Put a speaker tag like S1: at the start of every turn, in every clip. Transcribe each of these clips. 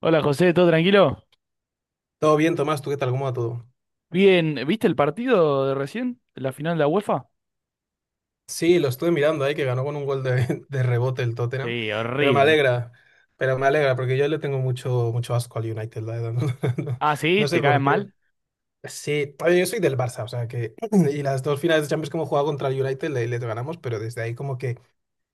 S1: Hola José, ¿todo tranquilo?
S2: Todo bien, Tomás, ¿tú qué tal? ¿Cómo va todo?
S1: Bien, ¿viste el partido de recién? ¿La final de la UEFA?
S2: Sí, lo estuve mirando ahí, que ganó con un gol de rebote el Tottenham,
S1: Sí,
S2: pero me
S1: horrible.
S2: alegra, pero me alegra, porque yo le tengo mucho asco al United, la verdad. No, no-
S1: Ah, sí,
S2: no
S1: ¿te
S2: sé
S1: caen
S2: por qué.
S1: mal?
S2: Sí, oye, yo soy del Barça, o sea que, y las dos finales de Champions que hemos jugado contra el United le ganamos, pero desde ahí como que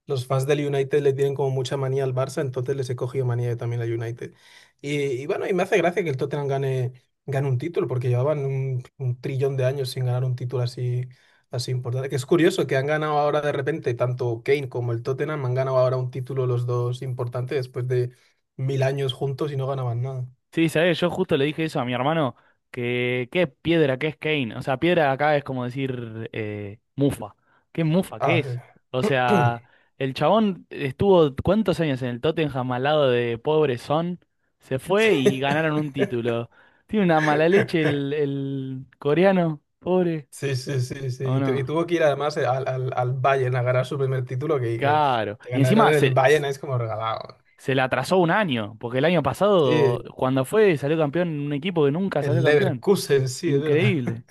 S2: los fans del United le tienen como mucha manía al Barça, entonces les he cogido manía yo también al United. Y bueno, y me hace gracia que el Tottenham gane un título, porque llevaban un trillón de años sin ganar un título así importante. Que es curioso que han ganado ahora de repente, tanto Kane como el Tottenham han ganado ahora un título los dos importantes después de mil años juntos y no ganaban nada.
S1: Sí, sabés, yo justo le dije eso a mi hermano, que qué piedra, qué es Kane. O sea, piedra acá es como decir mufa. ¿Qué mufa, qué
S2: Ah,
S1: es? O
S2: eh.
S1: sea, el chabón estuvo cuántos años en el Tottenham al lado de pobre Son, se fue y ganaron un título. Tiene una mala leche el coreano, pobre,
S2: Sí.
S1: ¿o
S2: Y
S1: no?
S2: tuvo que ir además al Bayern a ganar su primer título,
S1: Claro.
S2: que
S1: Y
S2: ganar
S1: encima
S2: el
S1: se,
S2: Bayern es como regalado.
S1: se le atrasó un año, porque el año pasado,
S2: Sí,
S1: cuando fue, salió campeón en un equipo que nunca salió
S2: el
S1: campeón.
S2: Leverkusen, sí, es verdad.
S1: Increíble.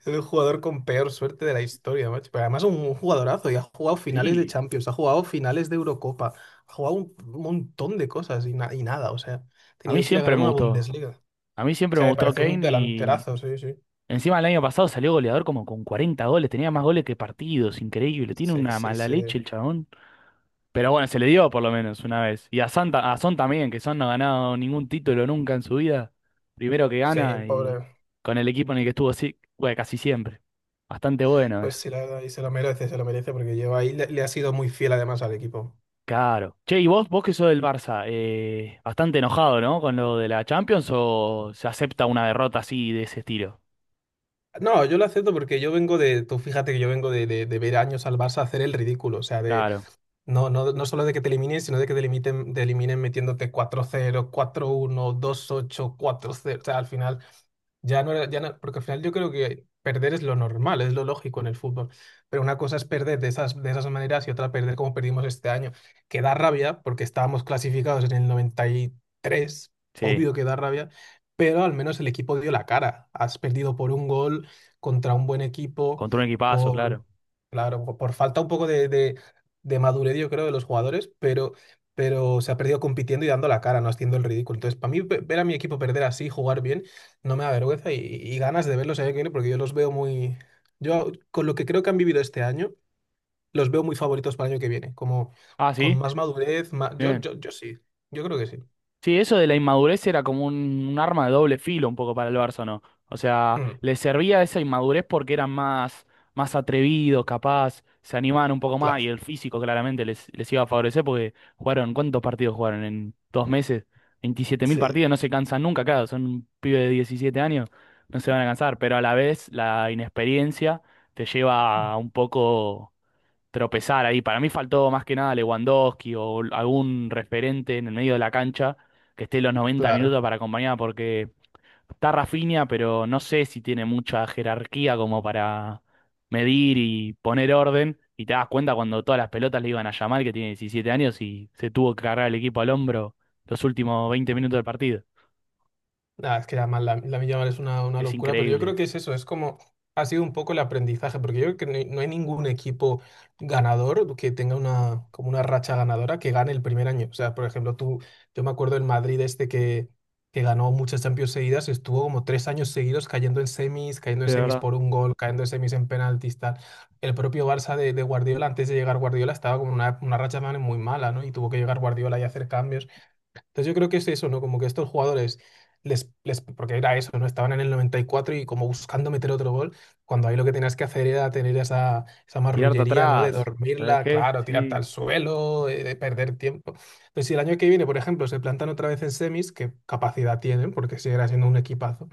S2: Es el jugador con peor suerte de la historia, macho. Pero además un jugadorazo y ha jugado finales de
S1: Sí.
S2: Champions, ha jugado finales de Eurocopa, ha jugado un montón de cosas y nada, o sea, ha
S1: A mí
S2: tenido que ir a
S1: siempre
S2: ganar
S1: me
S2: una
S1: gustó.
S2: Bundesliga. O
S1: A mí siempre me
S2: sea, me
S1: gustó
S2: parece un
S1: Kane y
S2: delanterazo, sí, sí.
S1: encima el año pasado salió goleador como con 40 goles. Tenía más goles que partidos. Increíble. Tiene
S2: Sí,
S1: una
S2: sí,
S1: mala
S2: sí.
S1: leche el chabón. Pero bueno, se le dio por lo menos una vez. Y a Son también, que Son no ha ganado ningún título nunca en su vida. Primero que
S2: Sí,
S1: gana y
S2: pobre.
S1: con el equipo en el que estuvo sí, bueno, casi siempre. Bastante bueno
S2: Pues
S1: eso.
S2: sí, la verdad, y se lo merece porque lleva ahí, le ha sido muy fiel además al equipo.
S1: Claro. Che, y vos que sos del Barça, bastante enojado, ¿no? Con lo de la Champions o se acepta una derrota así de ese estilo.
S2: No, yo lo acepto porque yo vengo de, tú fíjate que yo vengo de ver años al Barça hacer el ridículo, o sea, de
S1: Claro,
S2: no solo de que te eliminen, sino de que te elimiten, te eliminen metiéndote cuatro cero, cuatro uno, dos ocho, cuatro cero, o sea, al final ya no era, porque al final yo creo que perder es lo normal, es lo lógico en el fútbol. Pero una cosa es perder de de esas maneras y otra perder como perdimos este año, que da rabia porque estábamos clasificados en el noventa y tres,
S1: sí.
S2: obvio que da rabia, pero al menos el equipo dio la cara. Has perdido por un gol contra un buen equipo,
S1: Contra un equipazo, claro.
S2: por, claro, por falta un poco de madurez, yo creo, de los jugadores, pero se ha perdido compitiendo y dando la cara, no haciendo el ridículo. Entonces, para mí, ver a mi equipo perder así, jugar bien, no me da vergüenza y ganas de verlos el año que viene porque yo los veo muy... Yo con lo que creo que han vivido este año, los veo muy favoritos para el año que viene, como
S1: Ah,
S2: con
S1: sí.
S2: más madurez,
S1: Bien.
S2: yo sí, yo creo que sí.
S1: Sí, eso de la inmadurez era como un arma de doble filo un poco para el Barça, ¿no? O sea,
S2: Mm,
S1: le servía esa inmadurez porque eran más atrevidos, capaz, se animaban un poco más y
S2: claro,
S1: el físico claramente les iba a favorecer porque jugaron. ¿Cuántos partidos jugaron en 2 meses? veintisiete mil
S2: sí,
S1: partidos, no se cansan nunca, claro, son un pibe de 17 años, no se van a cansar, pero a la vez la inexperiencia te lleva a un poco tropezar ahí. Para mí faltó más que nada Lewandowski o algún referente en el medio de la cancha que esté los 90
S2: claro.
S1: minutos para acompañar, porque está Rafinha, pero no sé si tiene mucha jerarquía como para medir y poner orden. Y te das cuenta cuando todas las pelotas le iban a llamar que tiene 17 años y se tuvo que cargar el equipo al hombro los últimos 20 minutos del partido.
S2: Nada, es que además la Milla Mal es una
S1: Es
S2: locura, pero yo creo
S1: increíble,
S2: que es eso, es como ha sido un poco el aprendizaje, porque yo creo que no hay ningún equipo ganador que tenga una, como una racha ganadora que gane el primer año. O sea, por ejemplo, yo me acuerdo del Madrid este que ganó muchas Champions seguidas, estuvo como tres años seguidos cayendo en
S1: de
S2: semis
S1: verdad.
S2: por un gol, cayendo en semis en penaltis, tal. El propio Barça de Guardiola, antes de llegar Guardiola, estaba como una racha también muy mala, ¿no? Y tuvo que llegar Guardiola y hacer cambios. Entonces yo creo que es eso, ¿no? Como que estos jugadores, porque era eso, ¿no? Estaban en el noventa y cuatro y como buscando meter otro gol, cuando ahí lo que tenías que hacer era tener esa
S1: Tirarte
S2: marrullería, ¿no? De
S1: atrás, ¿sabes
S2: dormirla,
S1: qué?
S2: claro, tirarte
S1: Sí.
S2: al suelo, de perder tiempo. Entonces si el año que viene, por ejemplo, se plantan otra vez en semis, que capacidad tienen, porque seguirá siendo un equipazo,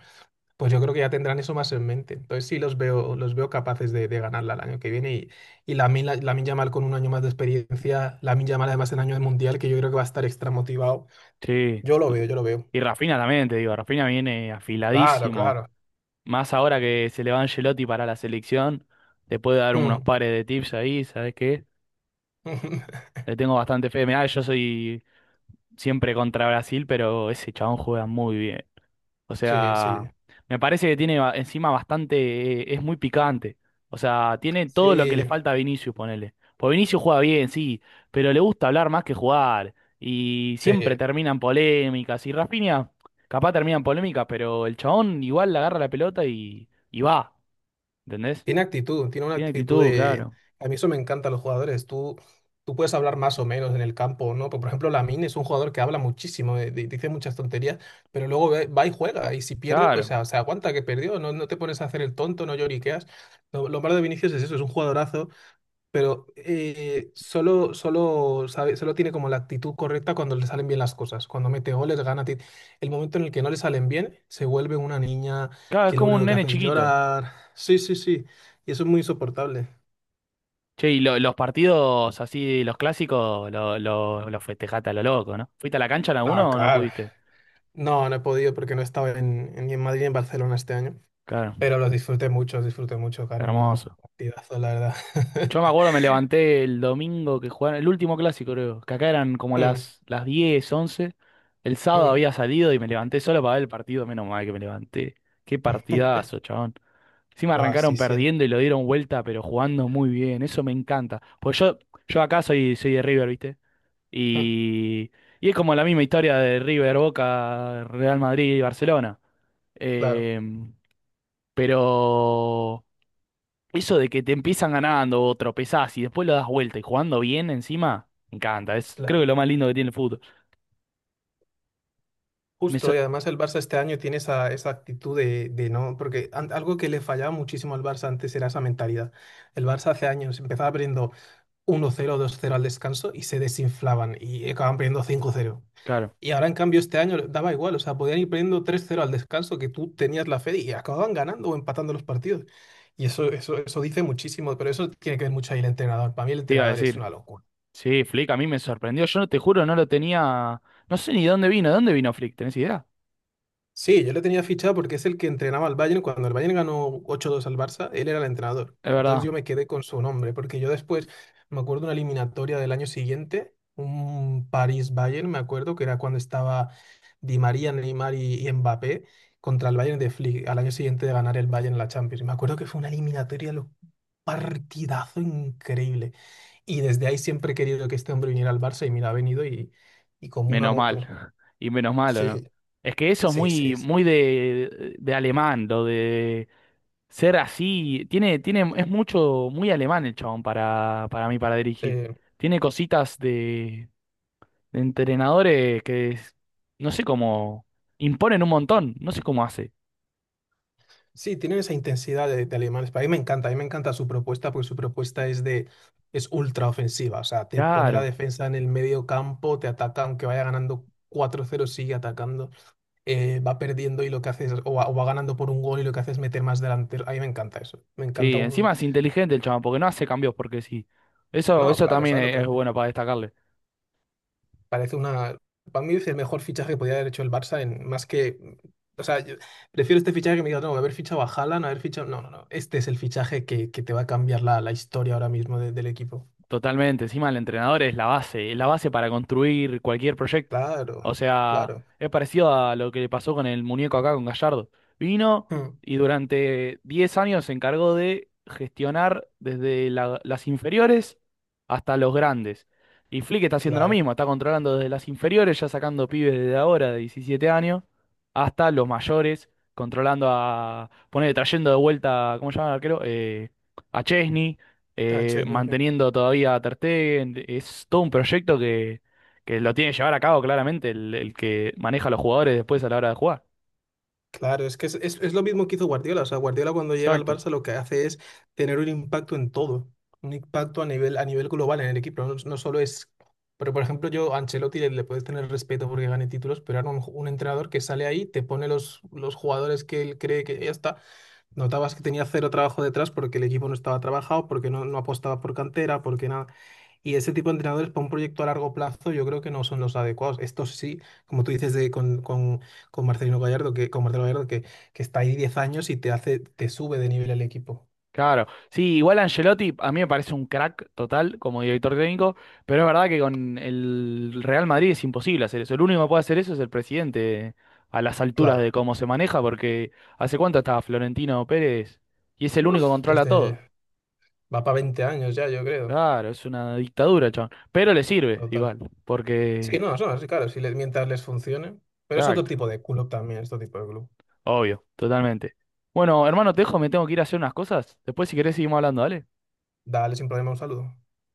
S2: pues yo creo que ya tendrán eso más en mente. Entonces sí los veo capaces de ganarla el año que viene y Lamine Yamal con un año más de experiencia, Lamine Yamal además en año de mundial, que yo creo que va a estar extra motivado.
S1: Sí.
S2: Yo lo veo, yo lo veo.
S1: Y Rafinha también, te digo, Rafinha viene
S2: Claro,
S1: afiladísimo.
S2: claro.
S1: Más ahora que se le va Ancelotti para la selección, te puede dar unos
S2: Mm.
S1: pares de tips ahí, ¿sabes qué? Le tengo bastante fe. Mirá, yo soy siempre contra Brasil, pero ese chabón juega muy bien. O
S2: Sí,
S1: sea,
S2: sí,
S1: me parece que tiene encima bastante, es muy picante. O sea, tiene todo lo que le
S2: sí,
S1: falta a Vinicius, ponele. Pues Vinicius juega bien, sí, pero le gusta hablar más que jugar. Y siempre
S2: sí.
S1: terminan polémicas. Y Rafinha, capaz terminan polémicas, pero el chabón igual le agarra la pelota y va. ¿Entendés?
S2: Tiene actitud, tiene una
S1: Tiene
S2: actitud
S1: actitud,
S2: de...
S1: claro.
S2: A mí eso me encanta, los jugadores. Tú puedes hablar más o menos en el campo, ¿no? Por ejemplo, Lamine es un jugador que habla muchísimo, dice muchas tonterías, pero luego va y juega. Y si pierde, pues
S1: Claro.
S2: se aguanta que perdió. No te pones a hacer el tonto, no lloriqueas. Lo malo de Vinicius es eso, es un jugadorazo pero solo tiene como la actitud correcta cuando le salen bien las cosas. Cuando mete goles, gana. El momento en el que no le salen bien, se vuelve una niña
S1: Claro, es
S2: que lo
S1: como un
S2: único que
S1: nene
S2: hace es
S1: chiquito.
S2: llorar. Sí, sí, sí. Y eso es muy insoportable.
S1: Che, y los partidos así, los clásicos, los festejaste a lo loco, ¿no? ¿Fuiste a la cancha en
S2: No,
S1: alguno o no
S2: claro.
S1: pudiste?
S2: No, no he podido porque no he estado ni en Madrid ni en Barcelona este año.
S1: Claro,
S2: Pero los disfruté mucho, claro, uno
S1: hermoso.
S2: partidazos, la verdad.
S1: Yo me acuerdo, me levanté el domingo que jugaron, el último clásico creo, que acá eran como
S2: Mm,
S1: las 10 once. El sábado
S2: mm.
S1: había salido y me levanté solo para ver el partido, menos mal que me levanté. Qué partidazo, chabón. Encima
S2: No,
S1: arrancaron
S2: sí, sí,
S1: perdiendo y lo dieron vuelta, pero jugando muy bien, eso me encanta. Pues yo acá soy, de River, ¿viste?
S2: mm,
S1: Y, y es como la misma historia de River, Boca, Real Madrid y Barcelona.
S2: claro.
S1: Em, pero eso de que te empiezan ganando o tropezás y después lo das vuelta y jugando bien encima, me encanta. Es creo que
S2: Claro.
S1: lo más lindo que tiene el fútbol. Me sor-
S2: Justo, y además el Barça este año tiene esa actitud de no, porque algo que le fallaba muchísimo al Barça antes era esa mentalidad. El Barça hace años empezaba perdiendo uno cero dos cero al descanso y se desinflaban y acababan perdiendo cinco cero.
S1: claro,
S2: Y ahora en cambio este año daba igual, o sea, podían ir perdiendo tres cero al descanso que tú tenías la fe y acababan ganando o empatando los partidos. Eso dice muchísimo, pero eso tiene que ver mucho ahí el entrenador. Para mí el
S1: te iba a
S2: entrenador es
S1: decir.
S2: una locura.
S1: Sí, Flick a mí me sorprendió. Yo no te juro, no lo tenía. No sé ni dónde vino. ¿De dónde vino Flick? ¿Tenés idea?
S2: Sí, yo le tenía fichado porque es el que entrenaba al Bayern cuando el Bayern ganó 8-2 al Barça, él era el entrenador.
S1: Es
S2: Entonces yo
S1: verdad.
S2: me quedé con su nombre, porque yo después me acuerdo una eliminatoria del año siguiente, un París-Bayern, me acuerdo que era cuando estaba Di María, Neymar y Mbappé contra el Bayern de Flick, al año siguiente de ganar el Bayern la Champions. Me acuerdo que fue una eliminatoria, partidazo increíble. Y desde ahí siempre he querido que este hombre viniera al Barça y mira, ha venido y como una
S1: Menos mal.
S2: moto.
S1: Y menos mal, ¿o
S2: Sí,
S1: no? Es que eso es
S2: sí, sí,
S1: muy,
S2: sí.
S1: muy de, alemán, lo de ser así, tiene, es mucho, muy alemán el chabón para mí, para
S2: Sí.
S1: dirigir. Tiene cositas de entrenadores que no sé cómo imponen un montón, no sé cómo hace.
S2: Sí, tienen esa intensidad de alemanes. Pero a mí me encanta, a mí me encanta su propuesta porque su propuesta es de es ultra ofensiva. O sea, te pone la
S1: Claro,
S2: defensa en el medio campo, te ataca, aunque vaya ganando 4-0, sigue atacando, va perdiendo y lo que hace es, o va ganando por un gol y lo que hace es meter más delantero. A mí me encanta eso. Me encanta
S1: sí,
S2: un...
S1: encima es inteligente el chabón, porque no hace cambios porque sí. Eso,
S2: No,
S1: eso
S2: claro,
S1: también
S2: ¿sabes lo
S1: es,
S2: que
S1: es
S2: hace?
S1: bueno para destacarle.
S2: Parece una. Para mí es el mejor fichaje que podía haber hecho el Barça en más que. O sea, yo prefiero este fichaje que me digas, no, haber fichado a Haaland, haber fichado. No, no, no. Este es el fichaje que te va a cambiar la historia ahora mismo del equipo.
S1: Totalmente, encima el entrenador es la base para construir cualquier proyecto.
S2: Claro,
S1: O sea,
S2: claro.
S1: es parecido a lo que le pasó con el muñeco acá con Gallardo. Vino
S2: Mm,
S1: y durante 10 años se encargó de gestionar desde las inferiores hasta los grandes. Y Flick está haciendo lo
S2: claro.
S1: mismo, está controlando desde las inferiores, ya sacando pibes desde ahora de 17 años, hasta los mayores, controlando a, poner, trayendo de vuelta. ¿Cómo se llama el arquero? A Chesney,
S2: Ah, Chesney, sí.
S1: manteniendo todavía a Ter Stegen. Es todo un proyecto que lo tiene que llevar a cabo claramente el que maneja a los jugadores después a la hora de jugar.
S2: Claro, es que es lo mismo que hizo Guardiola. O sea, Guardiola cuando llega al
S1: Exacto.
S2: Barça lo que hace es tener un impacto en todo, un impacto a nivel global en el equipo. No, no solo es. Pero, por ejemplo, yo a Ancelotti le puedes tener respeto porque gane títulos, pero era un entrenador que sale ahí, te pone los jugadores que él cree que ya está. Notabas que tenía cero trabajo detrás porque el equipo no estaba trabajado, porque no apostaba por cantera, porque nada. Y ese tipo de entrenadores para un proyecto a largo plazo yo creo que no son los adecuados. Estos sí, como tú dices con Marcelino con Marcelo Gallardo, que está ahí 10 años y te hace, te sube de nivel el equipo.
S1: Claro. Sí, igual Ancelotti a mí me parece un crack total como director técnico, pero es verdad que con el Real Madrid es imposible hacer eso. El único que puede hacer eso es el presidente a las alturas
S2: Claro.
S1: de cómo se maneja, porque ¿hace cuánto estaba Florentino Pérez? Y es el único que
S2: Uf,
S1: controla
S2: desde
S1: todo.
S2: va para 20 años ya, yo creo.
S1: Claro, es una dictadura, chabón. Pero le sirve
S2: Total.
S1: igual,
S2: Sí,
S1: porque...
S2: sí, claro, si les, mientras les funcione. Pero es otro tipo
S1: Exacto.
S2: de club también, este tipo de club.
S1: Obvio, totalmente. Bueno, hermano, te dejo, me tengo que ir a hacer unas cosas. Después, si querés, seguimos hablando, ¿vale?
S2: Dale sin problema un saludo.